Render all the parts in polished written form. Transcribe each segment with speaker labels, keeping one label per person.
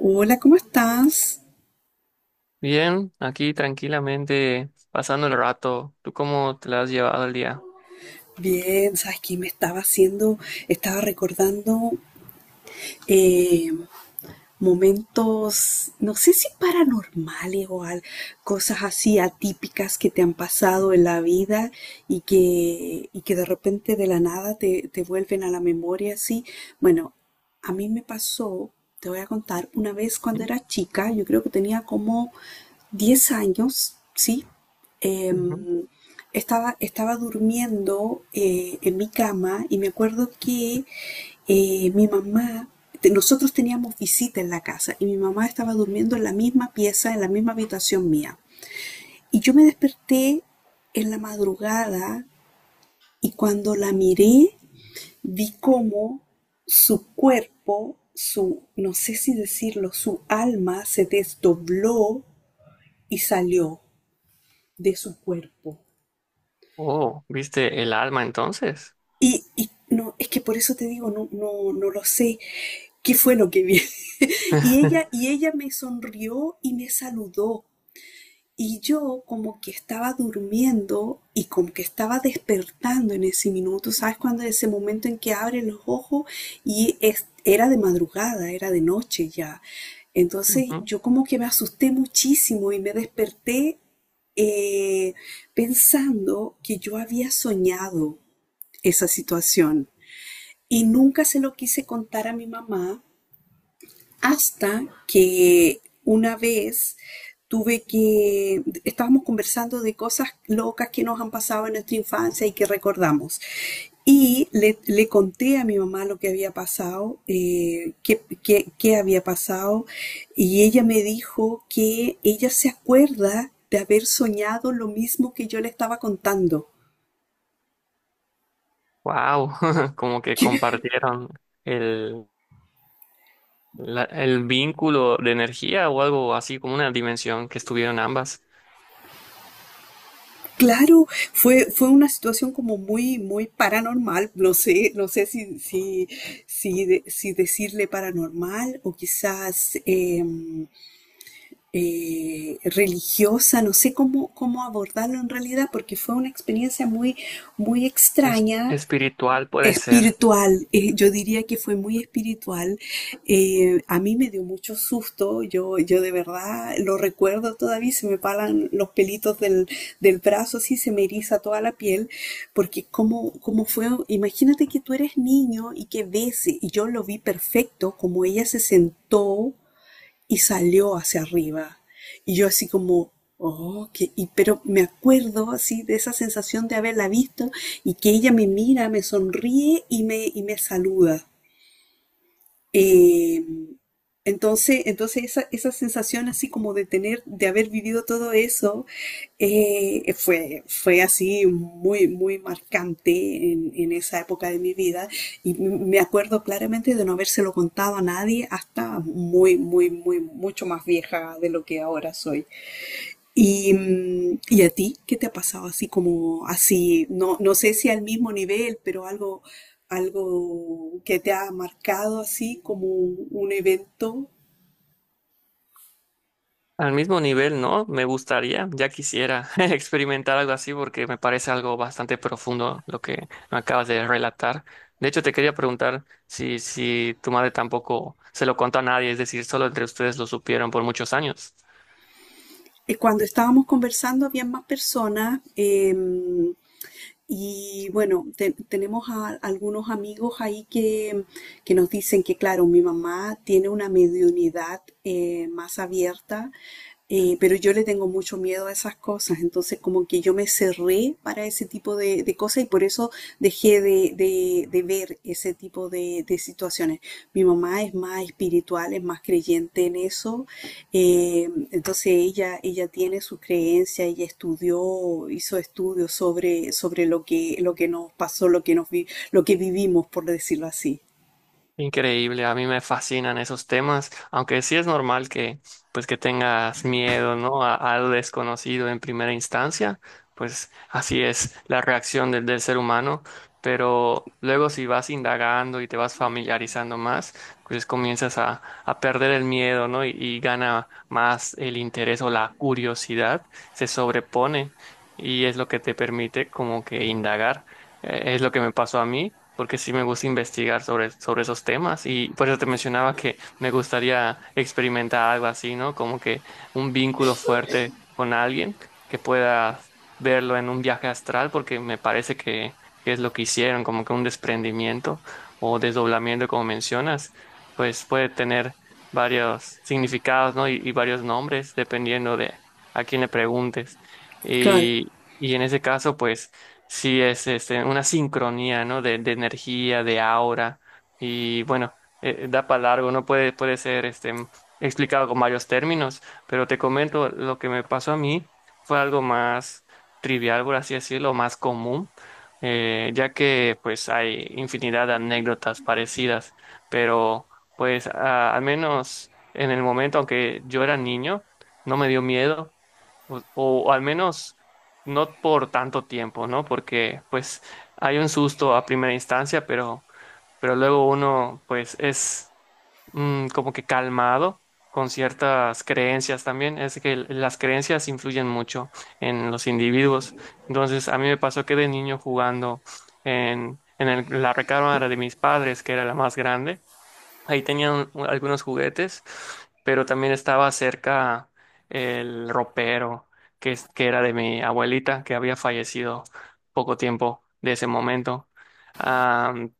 Speaker 1: Hola, ¿cómo estás?
Speaker 2: Bien, aquí tranquilamente pasando el rato. ¿Tú cómo te la has llevado el día?
Speaker 1: Bien, sabes que me estaba haciendo, estaba recordando, eh, momentos, no sé si paranormales cosas así atípicas que te han pasado en la vida y que de repente de la nada te vuelven a la memoria así. Bueno, a mí me pasó, te voy a contar, una vez cuando
Speaker 2: ¿Mm?
Speaker 1: era chica, yo creo que tenía como 10 años, ¿sí?
Speaker 2: Ujú.
Speaker 1: Em, estaba durmiendo, en mi cama y me acuerdo que, mi mamá, nosotros teníamos visita en la casa y mi mamá estaba durmiendo en la misma pieza, en la misma habitación mía. Y yo me desperté en la madrugada y cuando la miré vi cómo su cuerpo, su, no sé si decirlo, su alma se desdobló y salió de su cuerpo.
Speaker 2: Oh, ¿viste el alma entonces?
Speaker 1: Y no, es que por eso te digo, no, no, no lo sé qué fue lo que vi. Y ella, y ella me sonrió y me saludó. Y yo como que estaba durmiendo y como que estaba despertando en ese minuto, ¿sabes? Cuando ese momento en que abre los ojos, era de madrugada, era de noche ya. Entonces
Speaker 2: Wow,
Speaker 1: yo como que me asusté muchísimo y me desperté, eh, pensando que yo había soñado esa situación. Y nunca se lo quise contar a mi mamá hasta que una vez tuve que, estábamos conversando de cosas locas que nos han pasado en nuestra infancia y que recordamos. Y le conté a mi mamá lo que había pasado, qué había pasado, y ella me dijo que ella se acuerda de haber soñado lo mismo que yo le estaba contando.
Speaker 2: como que compartieron el, el vínculo de energía o algo así, como una dimensión que estuvieron ambas.
Speaker 1: Claro, fue una situación como muy, muy paranormal. No sé, no sé si decirle paranormal o quizás, religiosa. No sé cómo, cómo abordarlo en realidad, porque fue una experiencia muy, muy extraña.
Speaker 2: Espiritual puede ser.
Speaker 1: Espiritual, yo diría que fue muy espiritual. A mí me dio mucho susto. Yo de verdad lo recuerdo todavía, se me paran los pelitos del, brazo, así se me eriza toda la piel, porque como fue, imagínate que tú eres niño y que ves, y yo lo vi perfecto, como ella se sentó y salió hacia arriba. Y yo así como, oh, que, y, pero me acuerdo así de esa sensación de haberla visto y que ella me mira, me sonríe y me saluda. Eh, entonces esa sensación así como de tener, de haber vivido todo eso, fue así muy, muy marcante en esa época de mi vida. Y me acuerdo claramente de no habérselo contado a nadie hasta muy, muy, muy, mucho más vieja de lo que ahora soy. Y, ¿y a ti qué te ha pasado así como así? No, no sé si al mismo nivel, pero algo, que te ha marcado así como un evento.
Speaker 2: Al mismo nivel, ¿no? Me gustaría, ya quisiera experimentar algo así porque me parece algo bastante profundo lo que me acabas de relatar. De hecho, te quería preguntar si tu madre tampoco se lo contó a nadie, es decir, solo entre ustedes lo supieron por muchos años.
Speaker 1: Cuando estábamos conversando había más personas. Y bueno, tenemos algunos amigos ahí que nos dicen que, claro, mi mamá tiene una mediunidad, más abierta. Pero yo le tengo mucho miedo a esas cosas, entonces como que yo me cerré para ese tipo de, cosas y por eso dejé de ver ese tipo de situaciones. Mi mamá es más espiritual, es más creyente en eso. Entonces ella tiene sus creencias, ella estudió, hizo estudios sobre, lo que nos pasó, lo que vivimos, por decirlo así.
Speaker 2: Increíble, a mí me fascinan esos temas, aunque sí es normal que pues que tengas miedo, ¿no? A algo desconocido en primera instancia, pues así es la reacción del ser humano, pero luego si vas indagando y te vas familiarizando más, pues comienzas a perder el miedo, ¿no? Y gana más el interés o la curiosidad, se sobrepone y es lo que te permite como que indagar. Es lo que me pasó a mí, porque sí me gusta investigar sobre, sobre esos temas y por eso te mencionaba que me gustaría experimentar algo así, ¿no? Como que un vínculo fuerte con alguien que pueda verlo en un viaje astral, porque me parece que es lo que hicieron, como que un desprendimiento o desdoblamiento, como mencionas, pues puede tener varios significados, ¿no? Y varios nombres, dependiendo de a quién le preguntes.
Speaker 1: Claro.
Speaker 2: Y, y en ese caso, pues... Sí, es este, una sincronía, ¿no? De energía, de aura. Y bueno, da para largo, no puede, puede ser este, explicado con varios términos, pero te comento lo que me pasó a mí fue algo más trivial, por así decirlo, más común, ya que pues hay infinidad de anécdotas parecidas, pero pues al menos en el momento, aunque yo era niño, no me dio miedo o al menos no por tanto tiempo, ¿no? Porque pues hay un susto a primera instancia, pero luego uno pues es como que calmado con ciertas creencias también. Es que las creencias influyen mucho en los individuos. Entonces a mí me pasó que de niño jugando en la recámara de mis padres, que era la más grande. Ahí tenían algunos juguetes, pero también estaba cerca el ropero, que, que era de mi abuelita, que había fallecido poco tiempo de ese momento. Am,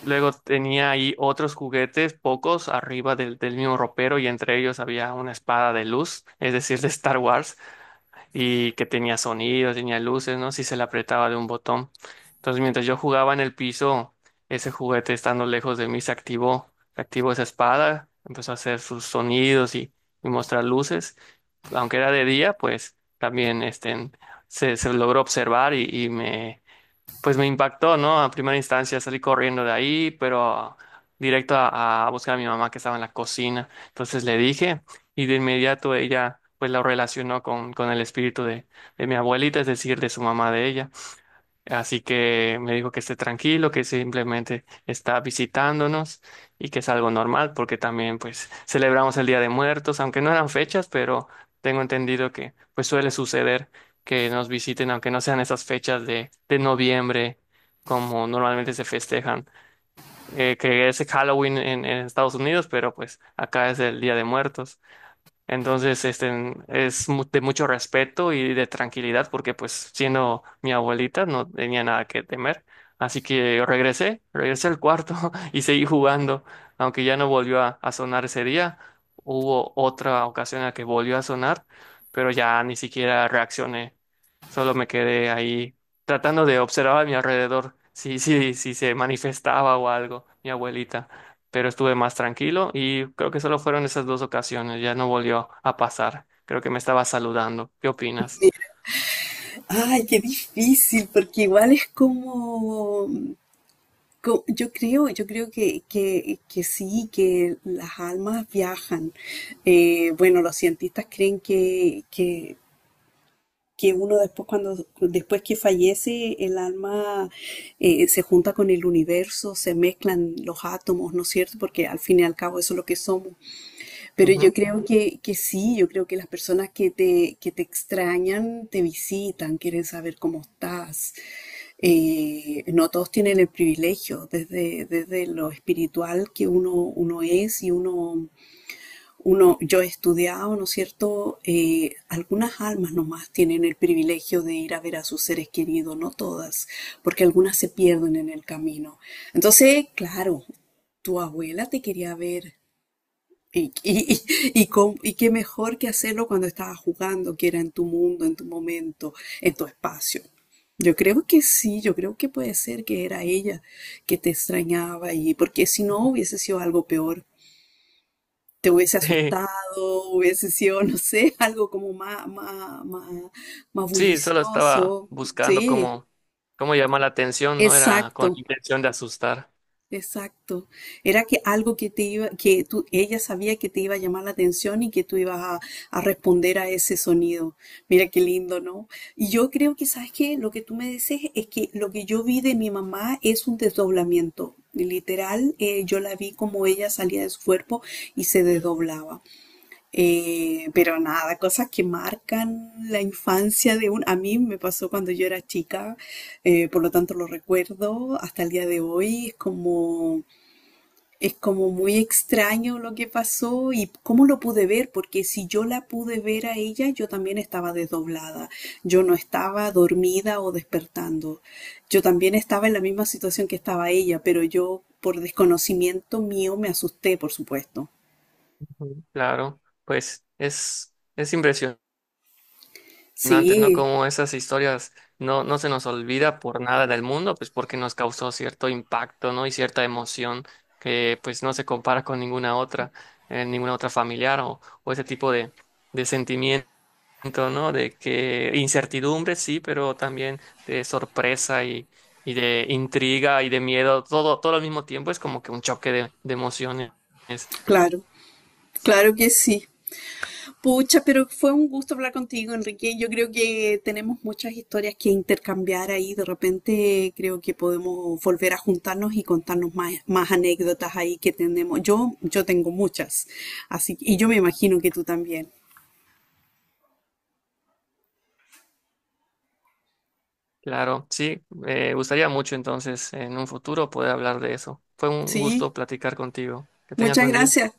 Speaker 2: luego tenía ahí otros juguetes, pocos, arriba del, del mismo ropero, y entre ellos había una espada de luz, es decir, de Star Wars y que tenía sonido, tenía luces, ¿no? Si se la apretaba de un botón. Entonces, mientras yo jugaba en el piso, ese juguete estando lejos de mí se activó esa espada, empezó a hacer sus sonidos y mostrar luces. Aunque era de día, pues también este, se logró observar y me, pues me impactó, ¿no? A primera instancia salí corriendo de ahí, pero directo a buscar a mi mamá que estaba en la cocina. Entonces le dije y de inmediato ella pues lo relacionó con el espíritu de mi abuelita, es decir, de su mamá de ella. Así que me dijo que esté tranquilo, que simplemente está visitándonos y que es algo normal porque también pues celebramos el Día de Muertos, aunque no eran fechas, pero tengo entendido que pues suele suceder que nos visiten aunque no sean esas fechas de noviembre como normalmente se festejan, que es Halloween en Estados Unidos, pero pues acá es el Día de Muertos. Entonces, este, es de mucho respeto y de tranquilidad porque pues siendo mi abuelita no tenía nada que temer. Así que regresé, regresé al cuarto y seguí jugando. Aunque ya no volvió a sonar ese día, hubo otra ocasión en la que volvió a sonar, pero ya ni siquiera reaccioné. Solo me quedé ahí tratando de observar a mi alrededor si se manifestaba o algo, mi abuelita, pero estuve más tranquilo y creo que solo fueron esas dos ocasiones, ya no volvió a pasar. Creo que me estaba saludando. ¿Qué opinas?
Speaker 1: Ay, qué difícil, porque igual es como, yo creo que sí, que las almas viajan. Bueno, los cientistas creen que uno después cuando después que fallece el alma, se junta con el universo, se mezclan los átomos, ¿no es cierto? Porque al fin y al cabo eso es lo que somos. Pero yo
Speaker 2: Ujú.
Speaker 1: creo que sí, yo creo que las personas que te extrañan te visitan, quieren saber cómo estás. No todos tienen el privilegio desde lo espiritual que uno es y yo he estudiado, ¿no es cierto? Algunas almas nomás tienen el privilegio de ir a ver a sus seres queridos, no todas, porque algunas se pierden en el camino. Entonces, claro, tu abuela te quería ver. Y, y, y qué mejor que hacerlo cuando estabas jugando, que era en tu mundo, en tu momento, en tu espacio. Yo creo que sí, yo creo que puede ser que era ella que te extrañaba y porque si no hubiese sido algo peor te hubiese asustado, hubiese sido, no sé, algo como más, más, más, más
Speaker 2: Sí, solo estaba
Speaker 1: bullicioso.
Speaker 2: buscando
Speaker 1: Sí,
Speaker 2: cómo, cómo llamar la atención, no era con
Speaker 1: exacto,
Speaker 2: intención de asustar.
Speaker 1: exacto. Era que algo que te iba, que tú, ella sabía que te iba a llamar la atención y que tú ibas a, responder a ese sonido. Mira qué lindo, ¿no? Y yo creo que, ¿sabes qué? Lo que tú me dices es que lo que yo vi de mi mamá es un desdoblamiento. Literal, yo la vi como ella salía de su cuerpo y se desdoblaba. Pero nada, cosas que marcan la infancia de un... A mí me pasó cuando yo era chica, por lo tanto lo recuerdo hasta el día de hoy. Es como muy extraño lo que pasó y cómo lo pude ver, porque si yo la pude ver a ella, yo también estaba desdoblada. Yo no estaba dormida o despertando. Yo también estaba en la misma situación que estaba ella, pero yo por desconocimiento mío me asusté, por supuesto.
Speaker 2: Ujú. Claro, pues es impresionante. No, antes, ¿no?
Speaker 1: Sí,
Speaker 2: Como esas historias no, no se nos olvida por nada del mundo, pues porque nos causó cierto impacto, ¿no? Y cierta emoción que pues no se compara con ninguna otra familiar o ese tipo de sentimiento, ¿no? De que incertidumbre, sí, pero también de sorpresa y de intriga y de miedo, todo, todo al mismo tiempo es como que un choque de emociones.
Speaker 1: claro. Claro que sí. Pucha, pero fue un gusto hablar contigo, Enrique. Yo creo que tenemos muchas historias que intercambiar ahí. De repente creo que podemos volver a juntarnos y contarnos más, más anécdotas ahí que tenemos. Yo tengo muchas. Así, y yo me imagino que tú también.
Speaker 2: Claro, sí, me gustaría mucho entonces en un futuro poder hablar de eso. Fue un
Speaker 1: Sí,
Speaker 2: gusto platicar contigo. Que tengas
Speaker 1: muchas
Speaker 2: buen día.
Speaker 1: gracias.